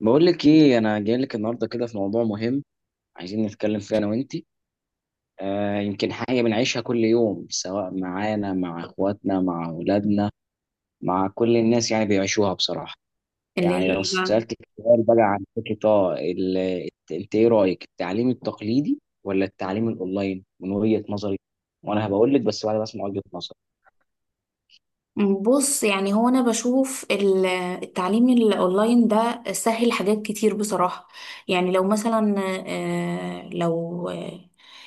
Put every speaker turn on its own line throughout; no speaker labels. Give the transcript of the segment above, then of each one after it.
بقول لك ايه، انا جاي لك النهارده كده في موضوع مهم عايزين نتكلم فيه انا وانتي. آه يمكن حاجه بنعيشها كل يوم، سواء معانا، مع اخواتنا، مع اولادنا، مع كل الناس، يعني بيعيشوها بصراحه.
اللي
يعني
هي
لو
ايه بقى؟
سالتك سؤال بقى عن فكره، انت ايه رايك؟ التعليم التقليدي ولا التعليم الاونلاين؟ من وجهه نظري، وانا هبقول لك بس بعد ما اسمع وجهه نظري
بص، يعني هو انا بشوف التعليم الاونلاين ده سهل حاجات كتير بصراحة. يعني لو مثلا آه، لو آه،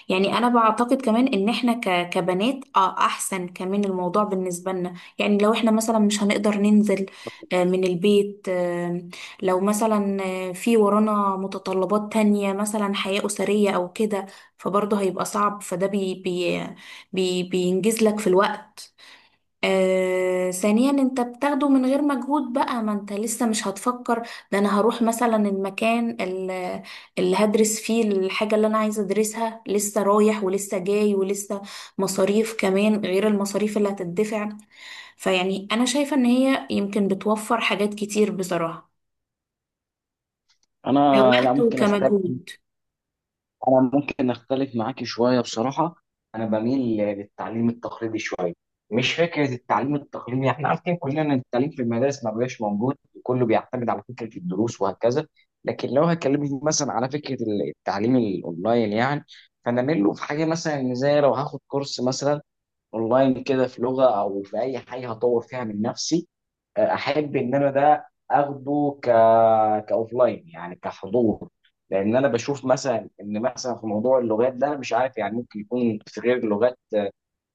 يعني انا بعتقد كمان ان احنا كبنات احسن كمان الموضوع بالنسبة لنا. يعني لو احنا مثلا مش هنقدر ننزل من البيت، لو مثلا في ورانا متطلبات تانية مثلا حياة أسرية او كده، فبرضه هيبقى صعب. فده بي بي بي بينجز لك في الوقت. ثانيا انت بتاخده من غير مجهود بقى، ما انت لسه مش هتفكر ده انا هروح مثلا المكان اللي هدرس فيه الحاجة اللي انا عايزة ادرسها، لسه رايح ولسه جاي ولسه مصاريف كمان غير المصاريف اللي هتدفع. فيعني انا شايفة ان هي يمكن بتوفر حاجات كتير بصراحة،
انا. لا،
كوقت
ممكن اختلف
وكمجهود.
معاكي شويه بصراحه. انا بميل للتعليم التقليدي شويه. مش فكره التعليم التقليدي، احنا عارفين كلنا ان التعليم في المدارس ما بقاش موجود، كله بيعتمد على فكره الدروس وهكذا. لكن لو هكلمك مثلا على فكره التعليم الاونلاين يعني، فانا ميل له في حاجه، مثلا إن زي لو هاخد كورس مثلا اونلاين كده في لغه او في اي حاجه هطور فيها من نفسي، احب ان انا ده اخده كاوفلاين يعني كحضور. لان انا بشوف مثلا ان مثلا في موضوع اللغات ده، أنا مش عارف يعني ممكن يكون في غير اللغات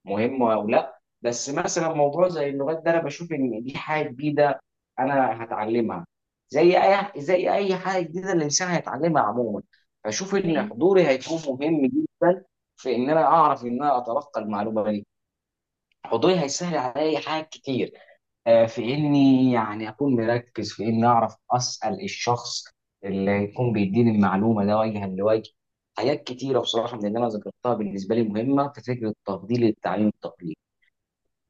مهمه او لا، بس مثلا موضوع زي اللغات ده انا بشوف ان دي حاجه جديده انا هتعلمها، زي اي حاجه جديده الانسان هيتعلمها عموما. فشوف ان
تمام.
حضوري هيكون مهم جدا في ان انا اعرف ان انا اتلقى المعلومه دي. حضوري هيسهل عليا حاجات كتير، في اني يعني اكون مركز في اني اعرف اسال الشخص اللي يكون بيديني المعلومه ده وجها لوجه. حاجات كتيره بصراحه من اللي انا ذكرتها بالنسبه لي مهمه في فكره تفضيل التعليم التقليدي.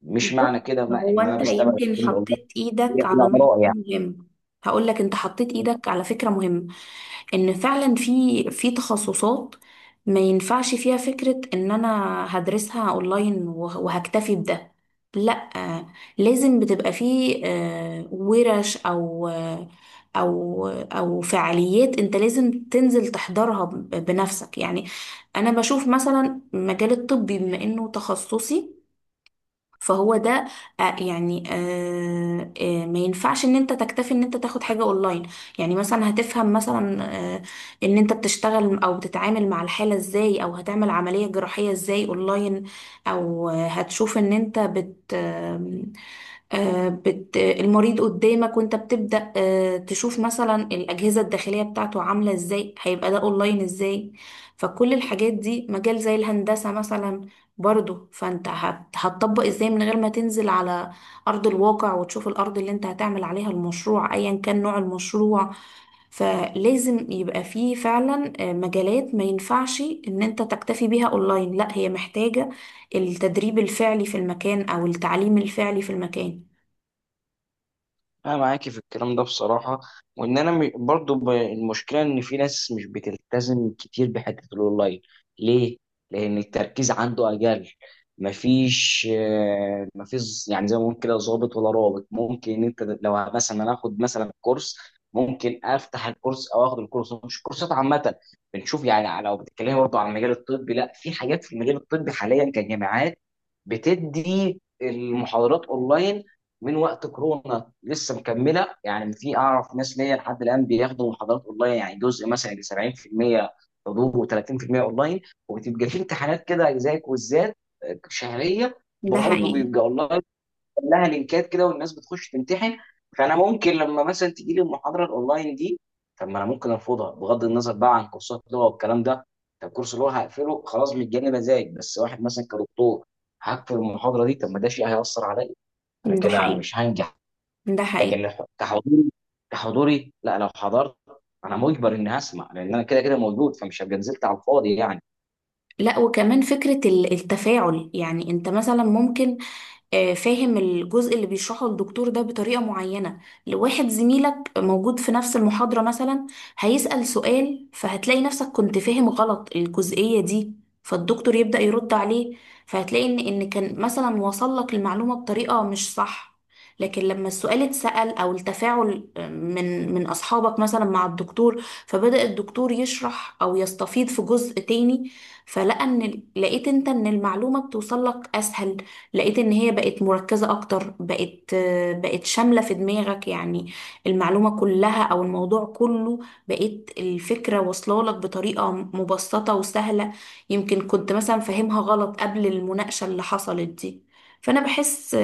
مش
بص،
معنى كده ما
هو
ان انا
انت
بستبعد
يمكن
التعليم الاونلاين،
حطيت ايدك
هي
على
بلا
نقطة
اراء يعني.
مهمة. هقول لك انت حطيت ايدك على فكرة مهمة، ان فعلا في تخصصات ما ينفعش فيها فكرة ان انا هدرسها اونلاين وهكتفي بده. لا، لازم بتبقى فيه ورش او او فعاليات انت لازم تنزل تحضرها بنفسك يعني. انا بشوف مثلا مجال الطب بما انه تخصصي، فهو ده ما ينفعش ان انت تكتفي ان انت تاخد حاجة اونلاين. يعني مثلا هتفهم مثلا آه، ان انت بتشتغل او بتتعامل مع الحالة ازاي، او هتعمل عملية جراحية ازاي اونلاين؟ او هتشوف ان انت بت آم، آه، بت المريض قدامك، وانت بتبدأ تشوف مثلا الأجهزة الداخلية بتاعته عاملة ازاي، هيبقى ده اونلاين ازاي؟ فكل الحاجات دي، مجال زي الهندسة مثلا برضو، فانت هتطبق ازاي من غير ما تنزل على ارض الواقع وتشوف الارض اللي انت هتعمل عليها المشروع، ايا كان نوع المشروع. فلازم يبقى فيه فعلا مجالات ما ينفعش ان انت تكتفي بيها اونلاين، لا، هي محتاجة التدريب الفعلي في المكان او التعليم الفعلي في المكان.
انا معاكي في الكلام ده بصراحه. وان انا م- برضو ب- المشكله ان في ناس مش بتلتزم كتير بحته الاونلاين. ليه؟ لان التركيز عنده اقل. مفيش يعني زي ما بنقول كده ظابط ولا رابط. ممكن ان انت لو مثلا انا اخد مثلا كورس، ممكن افتح الكورس او اخد الكورس. مش كورسات عامه بنشوف، يعني لو بتتكلمي برضو عن المجال الطبي، لا، في حاجات في المجال الطبي حاليا كجامعات بتدي المحاضرات اونلاين من وقت كورونا لسه مكمله. يعني في، اعرف ناس ليا لحد الان بياخدوا محاضرات اونلاين، يعني جزء مثلا يجي 70% حضور و30% اونلاين، وبتبقى في امتحانات كده زي كويزات شهريه،
ده
برضه
حقيقي.
بيبقى اونلاين، لها لينكات كده والناس بتخش تمتحن. فانا ممكن لما مثلا تجي لي المحاضره الاونلاين دي، طب ما انا ممكن ارفضها. بغض النظر بقى عن كورسات لغه والكلام ده، طب كورس لغه هقفله خلاص متجني مزاج. بس واحد مثلا كدكتور هقفل المحاضره دي، طب ما ده شيء هيأثر عليا. انا
ده
كده
حقيقي.
مش هنجح.
ده حقيقي.
لكن كحضوري كحضوري لا، لو حضرت انا مجبر اني هسمع لان انا كده كده موجود فمش هبقى نزلت على الفاضي يعني.
لا وكمان فكرة التفاعل، يعني انت مثلا ممكن فاهم الجزء اللي بيشرحه الدكتور ده بطريقة معينة، لواحد زميلك موجود في نفس المحاضرة مثلا هيسأل سؤال، فهتلاقي نفسك كنت فاهم غلط الجزئية دي. فالدكتور يبدأ يرد عليه، فهتلاقي ان كان مثلا وصل لك المعلومة بطريقة مش صح، لكن لما السؤال اتسأل او التفاعل من اصحابك مثلا مع الدكتور، فبدأ الدكتور يشرح او يستفيض في جزء تاني، فلقى ان لقيت انت ان المعلومة بتوصل لك اسهل. لقيت ان هي بقت مركزة اكتر، بقت بقت شاملة في دماغك يعني، المعلومة كلها او الموضوع كله. بقيت الفكرة واصلة لك بطريقة مبسطة وسهلة، يمكن كنت مثلا فاهمها غلط قبل المناقشة اللي حصلت دي. فانا بحس،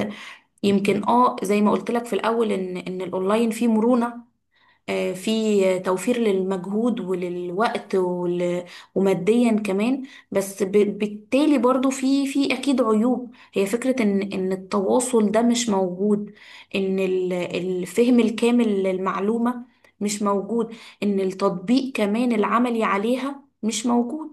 يمكن اه زي ما قلت لك في الاول، ان الاونلاين فيه مرونة، في توفير للمجهود وللوقت وماديا كمان. بس بالتالي برضو في اكيد عيوب، هي فكرة ان التواصل ده مش موجود، ان الفهم الكامل للمعلومة مش موجود، ان التطبيق كمان العملي عليها مش موجود.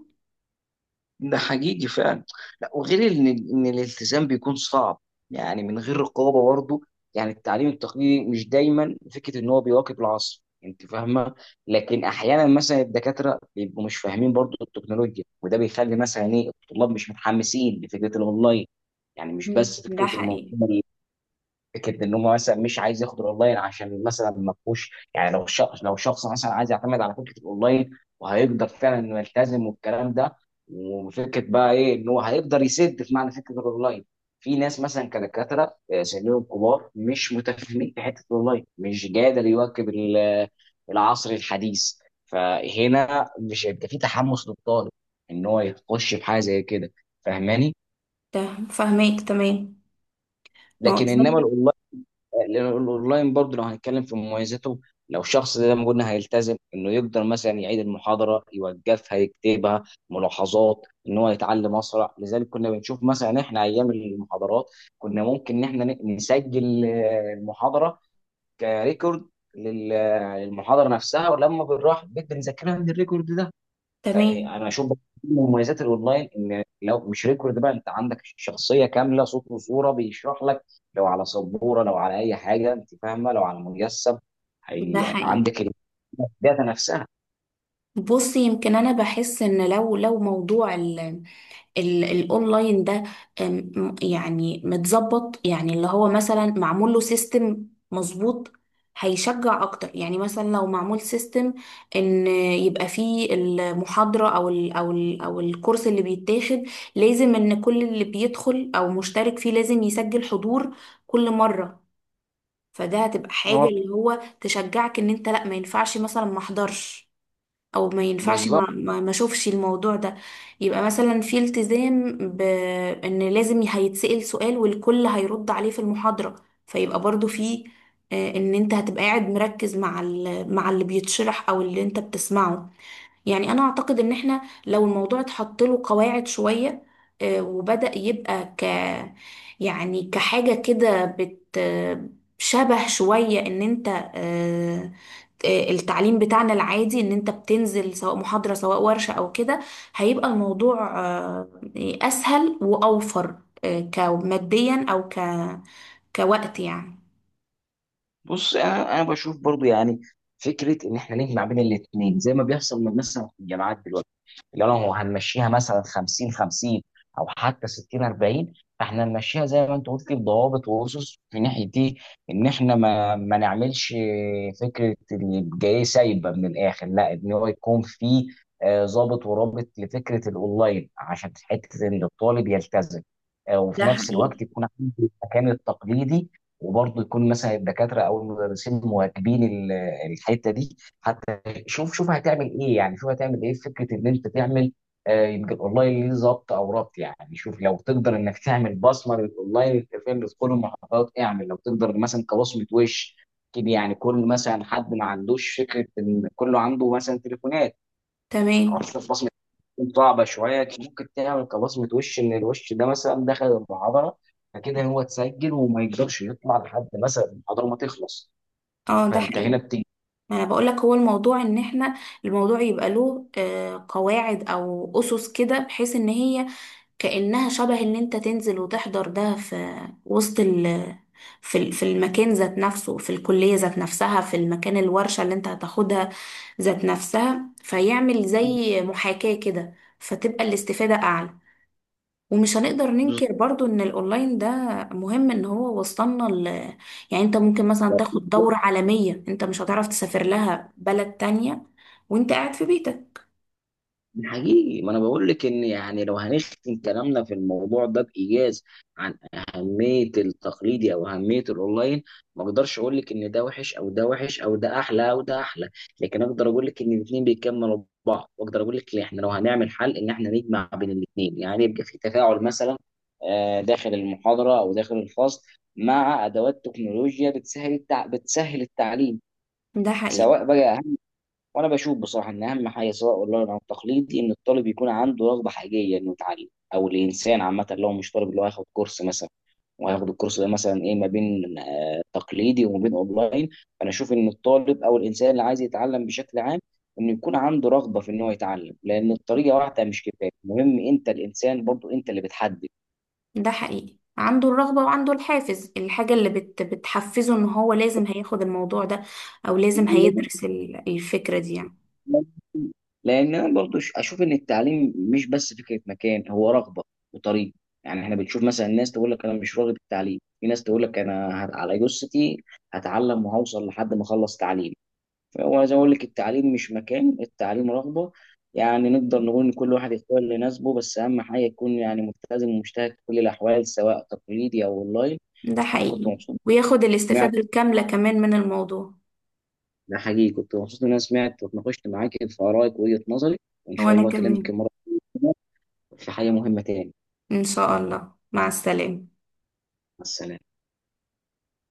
ده حقيقي فعلا. لا، وغير ان الالتزام بيكون صعب يعني من غير رقابه برضه. يعني التعليم التقليدي مش دايما فكره ان هو بيواكب العصر، انت فاهمه، لكن احيانا مثلا الدكاتره بيبقوا مش فاهمين برضه التكنولوجيا، وده بيخلي مثلا ايه الطلاب مش متحمسين لفكره الاونلاين. يعني مش بس
ده
فكره
حقيقي.
المنظومه، فكره ان هو مثلا مش عايز ياخد الاونلاين عشان مثلا ما فيهوش. يعني لو شخص، مثلا عايز يعتمد على فكره الاونلاين وهيقدر فعلا انه يلتزم والكلام ده، وفكره بقى ايه ان هو هيقدر يسد في معنى فكره الاونلاين. في ناس مثلا كدكاتره سنهم كبار مش متفاهمين في حته الاونلاين، مش قادر يواكب العصر الحديث. فهنا مش هيبقى في تحمس للطالب ان هو يخش في حاجه زي كده. فاهماني؟
ده فهماك تمام. ما هو
لكن انما،
بالظبط.
لأن الاونلاين برضه لو هنتكلم في مميزاته، لو شخص زي ما قلنا هيلتزم، انه يقدر مثلا يعيد المحاضره، يوقفها، يكتبها ملاحظات، ان هو يتعلم اسرع. لذلك كنا بنشوف مثلا احنا ايام المحاضرات، كنا ممكن ان احنا نسجل المحاضره كريكورد للمحاضره نفسها، ولما بنروح البيت بنذاكرها من الريكورد ده.
تمام.
فانا اشوف بقى من مميزات الاونلاين ان لو مش ريكورد بقى انت عندك شخصيه كامله، صوت وصوره بيشرح لك، لو على سبوره، لو على اي حاجه انت فاهمه، لو على مجسم، هي
ده
يعني
حقيقي.
عندك الداتا نفسها.
بصي، يمكن انا بحس ان لو موضوع الاونلاين ده يعني متظبط، يعني اللي هو مثلا معمول له سيستم مظبوط، هيشجع اكتر. يعني مثلا لو معمول سيستم ان يبقى فيه المحاضرة او ال او الكورس اللي بيتاخد، لازم ان كل اللي بيدخل او مشترك فيه لازم يسجل حضور كل مرة. فده هتبقى حاجة
هو
اللي هو تشجعك ان انت لا ما ينفعش مثلا ما احضرش، او ما ينفعش
بالظبط.
ما اشوفش الموضوع ده. يبقى مثلا في التزام بان لازم هيتسأل سؤال والكل هيرد عليه في المحاضرة. فيبقى برضو في ان انت هتبقى قاعد مركز مع مع اللي بيتشرح او اللي انت بتسمعه. يعني انا اعتقد ان احنا لو الموضوع اتحط له قواعد شوية، وبدأ يبقى ك يعني كحاجة كده بت شبه شوية ان انت آه، التعليم بتاعنا العادي، ان انت بتنزل سواء محاضرة سواء ورشة او كده، هيبقى الموضوع اسهل واوفر، كماديا او كوقت يعني.
بص، انا بشوف برضو، يعني فكره ان احنا نجمع بين الاثنين زي ما بيحصل من مثلا في الجامعات دلوقتي. لو هنمشيها مثلا 50-50 او حتى 60-40، فاحنا نمشيها زي ما انت قلت بضوابط واسس في ناحيه دي. ان احنا ما نعملش فكره ان الجاي سايبه من الاخر، لا، ان هو يكون في ضابط ورابط لفكره الاونلاين عشان حته ان الطالب يلتزم، وفي
ده
نفس الوقت
حقيقي.
يكون عنده المكان التقليدي، وبرضه يكون مثلا الدكاتره او المدرسين مواكبين الحته دي حتى. شوف شوف هتعمل ايه، يعني شوف هتعمل ايه في فكره ان انت تعمل يبقى الاونلاين ليه ظبط او ربط. يعني شوف لو تقدر انك تعمل بصمه للاونلاين، انت فاهم، بتدخل المحافظات، اعمل لو تقدر مثلا كبصمه وش كده. يعني كل مثلا حد ما عندوش فكره، ان كله عنده مثلا تليفونات،
تمام.
خلاص بصمه تكون صعبه شويه. ممكن تعمل كبصمه وش ان الوش ده مثلا دخل المحاضره فكده هو اتسجل، وما يقدرش يطلع لحد مثلا المحاضره ما تخلص.
اه ده
فانت
حقيقي.
هنا بتيجي.
ما انا بقولك، هو الموضوع ان احنا الموضوع يبقى له قواعد او اسس كده، بحيث ان هي كأنها شبه ان انت تنزل وتحضر ده في وسط، في في المكان ذات نفسه، في الكلية ذات نفسها، في المكان الورشة اللي انت هتاخدها ذات نفسها، فيعمل زي محاكاة كده، فتبقى الاستفادة أعلى. ومش هنقدر ننكر برضو ان الاونلاين ده مهم، ان هو وصلنا يعني انت ممكن مثلا تاخد دورة عالمية انت مش هتعرف تسافر لها بلد تانية وانت قاعد في بيتك.
حقيقي، ما انا بقول لك ان يعني لو هنختم كلامنا في الموضوع ده بايجاز عن اهميه التقليدي او اهميه الاونلاين، ما اقدرش اقول لك ان ده وحش او ده وحش او ده احلى او ده احلى، لكن اقدر اقول لك ان الاثنين بيكملوا بعض. واقدر اقول لك إن احنا لو هنعمل حل ان احنا نجمع بين الاثنين، يعني يبقى في تفاعل مثلا داخل المحاضره او داخل الفصل، مع ادوات تكنولوجيا بتسهل التعليم
ده حقيقي.
سواء بقى. وانا بشوف بصراحه ان اهم حاجه سواء اونلاين او تقليدي ان الطالب يكون عنده رغبه حقيقيه انه يتعلم، او الانسان عامه لو مش طالب اللي هو هياخد كورس مثلا، وهياخد الكورس ده مثلا ايه ما بين تقليدي وما بين اونلاين. فانا اشوف ان الطالب او الانسان اللي عايز يتعلم بشكل عام، انه يكون عنده رغبه في ان هو يتعلم، لان الطريقه واحده مش كفايه، المهم انت، الانسان برضو انت اللي بتحدد.
ده حقيقي، عنده الرغبة وعنده الحافز، الحاجة اللي بتحفزه ان هو لازم هياخد الموضوع ده او لازم هيدرس الفكرة دي يعني.
لان انا برضو اشوف ان التعليم مش بس فكره مكان، هو رغبه وطريق. يعني احنا بنشوف مثلا ناس تقول لك انا مش راغب التعليم، في ناس تقول لك انا على جثتي هتعلم وهوصل لحد ما اخلص تعليم. فهو زي ما اقول لك التعليم مش مكان، التعليم رغبه. يعني نقدر نقول ان كل واحد يختار اللي يناسبه، بس اهم حاجه يكون يعني ملتزم ومجتهد في كل الاحوال سواء تقليدي او اونلاين.
ده
انا كنت
حقيقي،
مبسوط،
وياخد
سمعت،
الاستفادة الكاملة كمان من الموضوع.
ده حقيقي. كنت مبسوط ان انا سمعت واتناقشت معاك في ارائك، وجهه نظري. وان شاء
وانا
الله اكلمك
كمان.
المره في حاجة مهمة تاني.
ان شاء الله، مع السلامة.
مع السلامة.